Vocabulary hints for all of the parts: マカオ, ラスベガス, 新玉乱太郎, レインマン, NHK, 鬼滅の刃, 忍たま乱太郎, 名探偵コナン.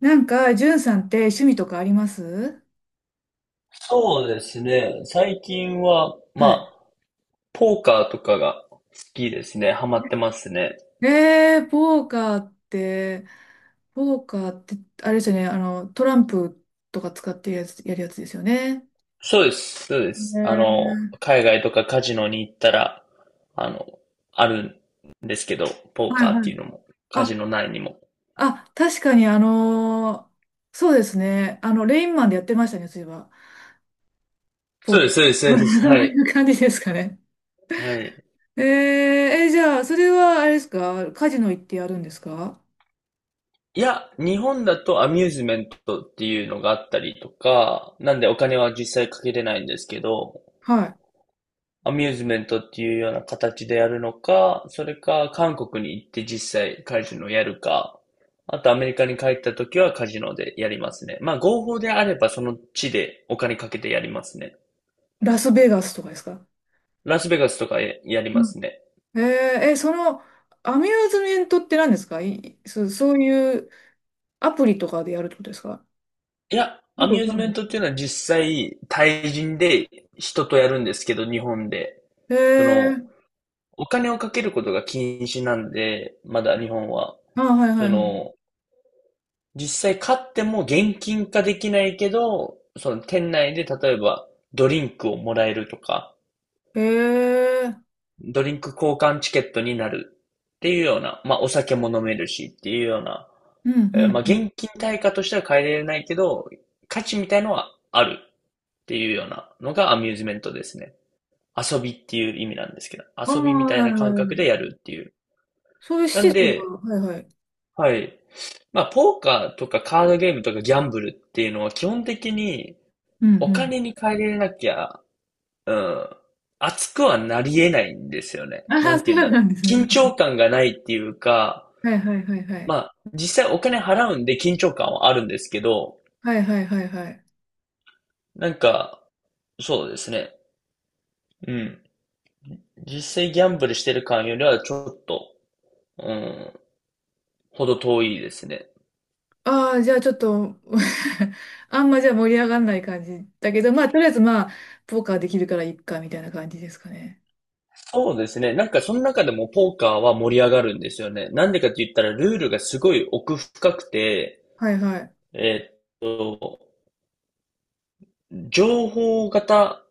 なんか、じゅんさんって趣味とかあります？そうですね。最近は、まはあ、ポーカーとかが好きですね。ハマってますね。い。ポーカーって、あれですよね、トランプとか使ってやつ、やるやつですよね。そうです。そうです。あねの、ー。海外とかカジノに行ったら、あの、あるんですけど、ポーはカいーっはてい。いうのも、カジあ、ノ内にも。あ、確かに、そうですね、あの、レインマンでやってましたね、そういえば、ポそうーでカす、ー。そうです、そうで す。そはうい。いう感じですかね。はい。え、じゃあ、それは、あれですか、カジノ行ってやるんですか？いや、日本だとアミューズメントっていうのがあったりとか、なんでお金は実際かけれないんですけど、はアミューズメントっていうような形でやるのか、それか韓国に行って実際カジノをやるか、あとアメリカに帰った時はカジノでやりますね。まあ合法であればその地でお金かけてやりますね。い。ラスベガスとかですか？ラスベガスとかややりますね。えー、え、その、アミューズメントって何ですか？い、そういうアプリとかでやるってことですか？いや、アよくミわューズかんなメいンですトっけていうのは実際対人で人とやるんですけど、日本で。ど。その、お金をかけることが禁止なんで、まだ日本は。あ、はいはそいはい。の、実際買っても現金化できないけど、その店内で例えばドリンクをもらえるとか、えー、ドリンク交換チケットになるっていうような、まあお酒も飲めるしっていうような、うんうん。まあ現金対価としては変えられないけど、価値みたいのはあるっていうようなのがアミューズメントですね。遊びっていう意味なんですけど、ああ、遊びみはたいいな感はい覚はい。でやるっていう。そういう施なん設が、で、はいはい。はい。まあ、ポーカーとかカードゲームとかギャンブルっていうのは基本的にうんうおん。金に換えれなきゃ、うん、熱くはなり得ないんですよね。あなんあ、そて言ううんだろなんですう。ね。緊張感がないっていうか、はいはいはいはまい。あ、実際お金払うんで緊張感はあるんですけど、はいはいはいはい。なんか、そうですね。うん。実際ギャンブルしてる感よりはちょっと、うん、ほど遠いですね。ああ、じゃあちょっと あんまじゃあ盛り上がんない感じだけど、まあ、とりあえずまあ、ポーカーできるからいっか、みたいな感じですかね。そうですね。なんかその中でもポーカーは盛り上がるんですよね。なんでかって言ったらルールがすごい奥深くて、はいはい。えーっと、情報型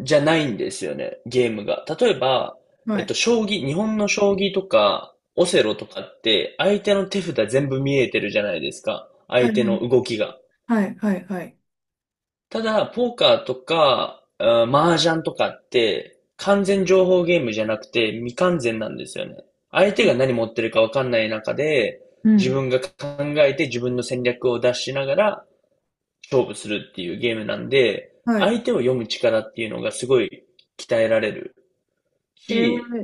じゃないんですよね、ゲームが。例えば、はい。将棋、日本の将棋とか、オセロとかって、相手の手札全部見えてるじゃないですか。は相手いの動きが。はい、はい、はい。ただ、ポーカーとか、あー麻雀とかって、完全情報ゲームじゃなくて、未完全なんですよね。相手が何持ってるかわかんない中で、う自ん。分が考えて自分の戦略を出しながら勝負するっていうゲームなんで、はい。相手を読む力っていうのがすごい鍛えられる。へえ、し、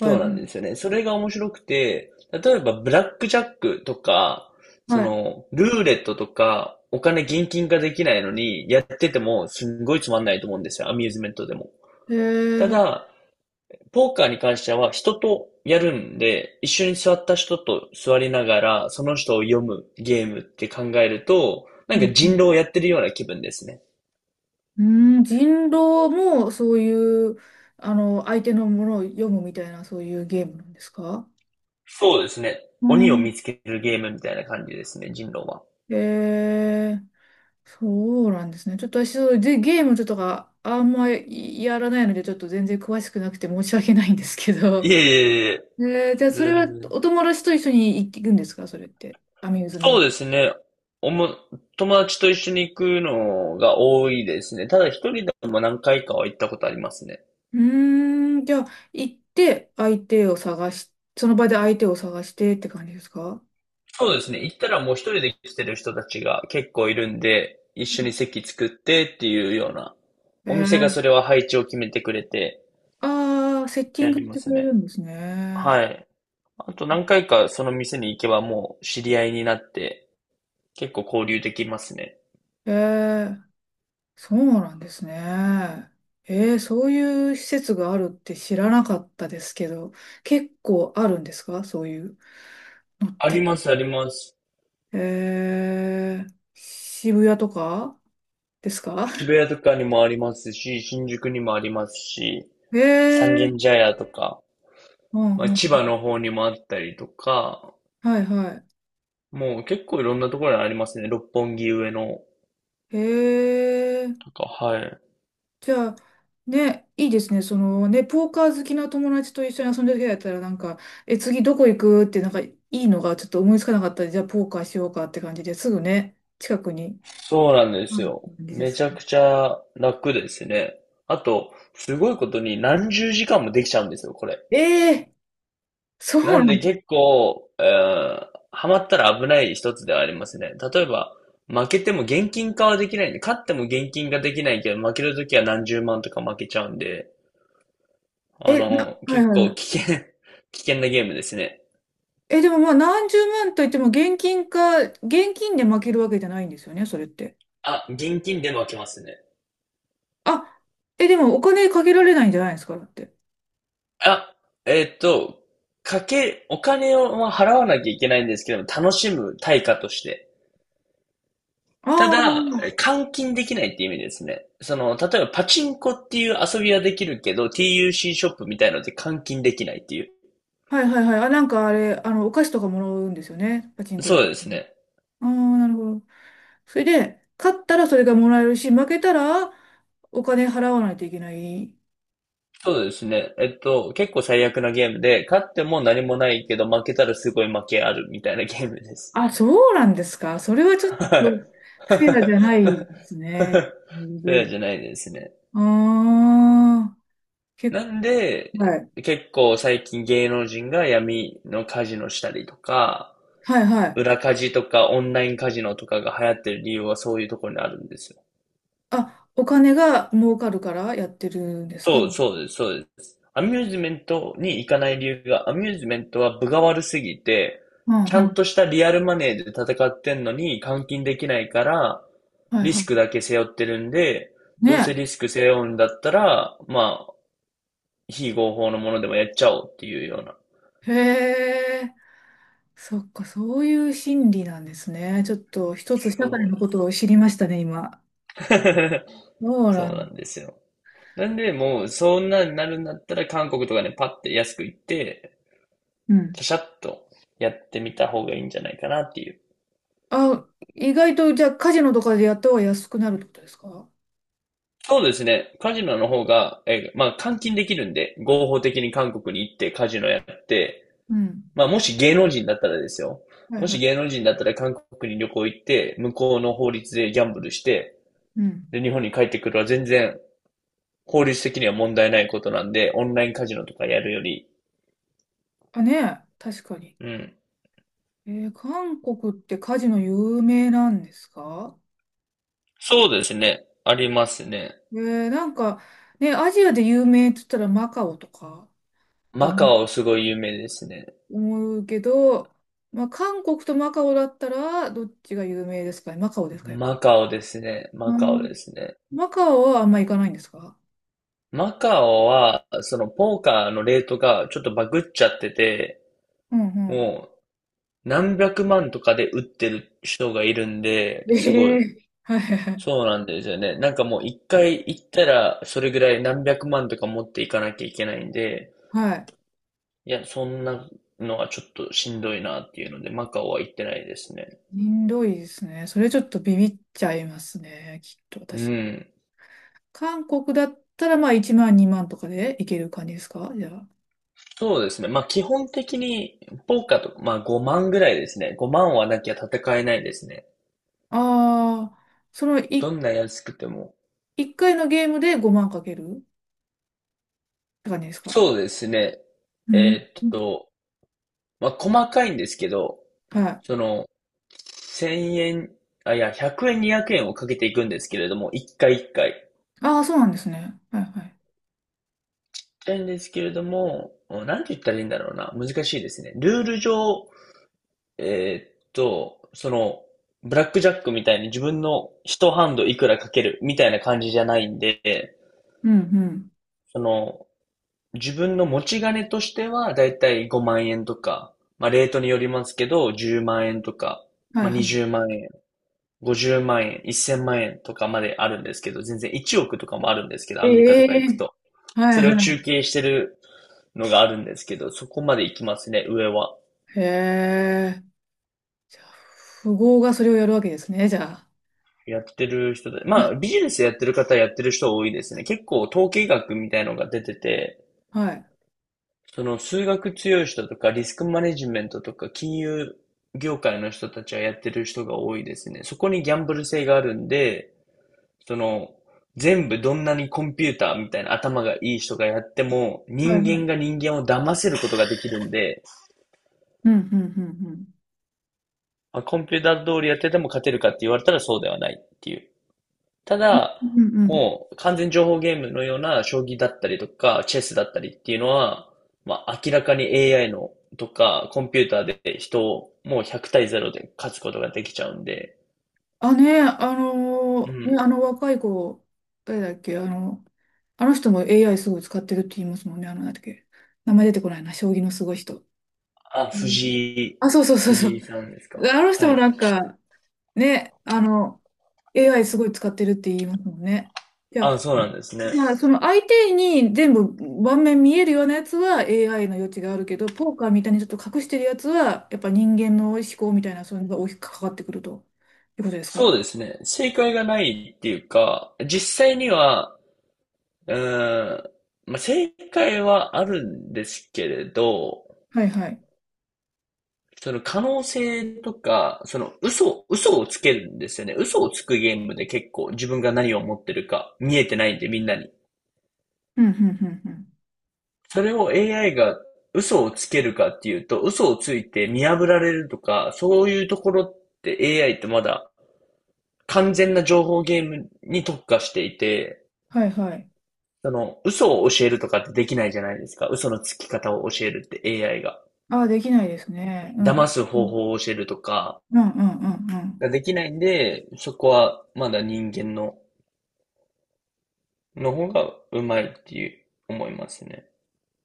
はそい、うなんですよね。それが面白くて、例えばブラックジャックとか、そはい。の、ルーレットとか、お金現金化できないのに、やっててもすんごいつまんないと思うんですよ。アミューズメントでも。へえ、たはい。だ、ポーカーに関しては人とやるんで、一緒に座った人と座りながら、その人を読むゲームって考えると、なんうかん。人う狼をやってるような気分ですね。んうん、人狼もそういう、あの、相手のものを読むみたいな、そういうゲームなんですか？そうですね。う鬼をん。見つけるゲームみたいな感じですね、人狼は。へえ、そうなんですね。ちょっと私、そうで、ゲームとか、あんまりやらないので、ちょっと全然詳しくなくて申し訳ないんですけど。いえいえいえ、じゃあ、それは全然。お友達と一緒に行くんですか？それって。アミューズメそンうでト。すね。おも、友達と一緒に行くのが多いですね。ただ一人でも何回かは行ったことありますね。うーん、じゃあ、行って相手を探し、その場で相手を探してって感じですか？そうですね。行ったらもう一人で来てる人たちが結構いるんで、一緒に席作ってっていうような、おえ店がそえ。れは配置を決めてくれてああー、セッティンやグりしまてくすれるね。んですね。はい。あと何回かその店に行けばもう知り合いになって結構交流できますね。ええ。そうなんですね。ええ。そういう施設があるって知らなかったですけど、結構あるんですか？そういうのっありて。ますあります。ええ。渋谷とかですか？ 渋谷とかにもありますし、新宿にもありますし、三 え軒え。茶屋とか、うんまあ、う千ん。葉の方にもあったりとか、はいはもう結構いろんなところにありますね。六本木上のい。ええ。とか、はい。じゃあ、ね、いいですね。そのね、ポーカー好きな友達と一緒に遊んでる人だったら、なんか、え、次どこ行くって、なんか、いいのがちょっと思いつかなかったら、じゃあ、ポーカーしようかって感じですぐね、近くにそうなんであするよ。感じでめすちか。ゃくちゃ楽ですね。あと、すごいことに何十時間もできちゃうんですよ、これ。ええ。そなうんなんでだ。結構、ハマったら危ない一つではありますね。例えば、負けても現金化はできないんで、勝っても現金化できないけど、負けるときは何十万とか負けちゃうんで、あえ、な、の、はい結はいは構い。危険 危険なゲームですね。え、でもまあ、何十万といっても、現金で負けるわけじゃないんですよね、それって。あ、現金で負けますね。あ、え、でも、お金かけられないんじゃないですか、だって。あ、えっと、お金をまあ払わなきゃいけないんですけども、楽しむ対価として。たあだ、えあ、換金できないって意味ですね。その、例えばパチンコっていう遊びはできるけど、TUC シーショップみたいので換金できないっていう。はいはいはい。あ、なんかあれ、あの、お菓子とかもらうんですよね、パチンコで。そうですね。ああ、なるほど。それで、勝ったらそれがもらえるし、負けたらお金払わないといけない。そうですね。えっと、結構最悪なゲームで、勝っても何もないけど、負けたらすごい負けあるみたいなゲームです。あ、そうなんですか。それはちょっはとい。フェアじゃないですね。そうじゃないですね。ああー、結なん構、で、はい。結構最近芸能人が闇のカジノしたりとか、はいはい。裏カジとかオンラインカジノとかが流行ってる理由はそういうところにあるんですよ。あ、お金が儲かるからやってるんですか。うそう、んそうです、そうです。アミューズメントに行かない理由が、アミューズメントは分が悪すぎて、うちゃんん。としたリアルマネーで戦ってんのに換金できないから、はいリスはクだけ背負ってるんで、い。どうせね。リスク背負うんだったら、まあ、非合法のものでもやっちゃおうっていうようなへえ。そっか、そういう心理なんですね。ちょっと一つ社会そうのでことをす。知りましたね、今。そ うそうななん。んですよ。なんで、もう、そんなになるんだったら、韓国とかね、パッて安く行って、うん。シャシャッとやってみた方がいいんじゃないかなっていう。あ、意外と、じゃあ、カジノとかでやった方が安くなるってことですか？そうですね。カジノの方が、まあ、換金できるんで、合法的に韓国に行ってカジノやって、うん。まあ、もし芸能人だったらですよ。はいもしは芸い。能人だったら韓国に旅行行って、向こうの法律でギャンブルして、うん。で、日本に帰ってくるは全然、法律的には問題ないことなんで、オンラインカジノとかやるより、あ、ねえ、確かに。うん、韓国ってカジノ有名なんですか？そうですね。ありますね。えなんか、ね、アジアで有名って言ったらマカオとかがマカオすごい有名ですね。思うけど、まあ、韓国とマカオだったら、どっちが有名ですかね？マカオですかね？マカオですね。マうカオでん。すね。マカオはあんま行かないんですか？マカオは、そのポーカーのレートがちょっとバグっちゃってて、うん。うもう何百万とかで打ってる人がいるんで、ん。すごえい。え。はいはいはい。そうなんですよね。なんかもう一回行ったら、それぐらい何百万とか持っていかなきゃいけないんで、はい。いや、そんなのはちょっとしんどいなっていうので、マカオは行ってないですね。しんどいですね。それちょっとビビっちゃいますね。きっとう私。ん。韓国だったらまあ1万2万とかでいける感じですか、じゃあ。そうですね。まあ基本的に、ポーカーとか、まあ5万ぐらいですね。5万はなきゃ戦えないですね。ああ、そのど1、んな安くても。一回のゲームで5万かけるって感じですか？そうですね。うん。えーっと、まあ細かいんですけど、はそい。の、1000円、あ、いや、100円、200円をかけていくんですけれども、1回1回。ああ、そうなんですね。はいはい。なんですけれども、なんて言ったらいいんだろうな。難しいですね。ルール上、その、ブラックジャックみたいに自分の一ハンドいくらかけるみたいな感じじゃないんで、うんうん。その、自分の持ち金としてはだいたい5万円とか、まあレートによりますけど、10万円とか、はまいあは20い。万円、50万円、1000万円とかまであるんですけど、全然1億とかもあるんですけど、アメリカとえか行くえ。と。はそいれを中は継してるのがあるんですけど、そこまで行きますね、上は。い。へえ。じゃあ、富豪がそれをやるわけですね。じゃやってる人で、まあ、ビジネスやってる方やってる人多いですね。結構統計学みたいのが出てて、あ。はい。その数学強い人とかリスクマネジメントとか金融業界の人たちはやってる人が多いですね。そこにギャンブル性があるんで、その、全部どんなにコンピューターみたいな頭がいい人がやっても、はい人はい。間が人間を騙せることができるんで、うんうんうんうん。まあ、コンピューター通りやってても勝てるかって言われたらそうではないっていう。たうだ、んうんうん。もう完全情報ゲームのような将棋だったりとか、チェスだったりっていうのは、まあ明らかに AI のとか、コンピューターで人をもう100対0で勝つことができちゃうんで、あ、ね、うん。あの若い子、誰だっけ、あの、あの人も AI すごい使ってるって言いますもんね、あの、なんだっけ。名前出てこないな、将棋のすごい人。あ、うん。藤井、あ、そうそうそうそ藤う。井さんですか。あの人はもい。なんか、ね、あの、AI すごい使ってるって言いますもんね。じゃあ、あ、そうなんですね。その相手に全部盤面見えるようなやつは AI の余地があるけど、ポーカーみたいにちょっと隠してるやつは、やっぱ人間の思考みたいな、そういうのが大きく関わってくるということですか？そうですね。正解がないっていうか、実際には、うーん、まあ、正解はあるんですけれど、はいはい。その可能性とか、その嘘、嘘をつけるんですよね。嘘をつくゲームで結構自分が何を持ってるか見えてないんでみんなに。うん、うん、うん、うん。それを AI が嘘をつけるかっていうと、嘘をついて見破られるとか、そういうところって AI ってまだ完全な情報ゲームに特化していて、はい、はい。その嘘を教えるとかってできないじゃないですか。嘘のつき方を教えるって AI が。ああ、できないですね。う騙ん。すう方ん、法を教えるとか、うん、うん、うん。うんができないんで、そこはまだ人間のの方がうまいっていう思いますね。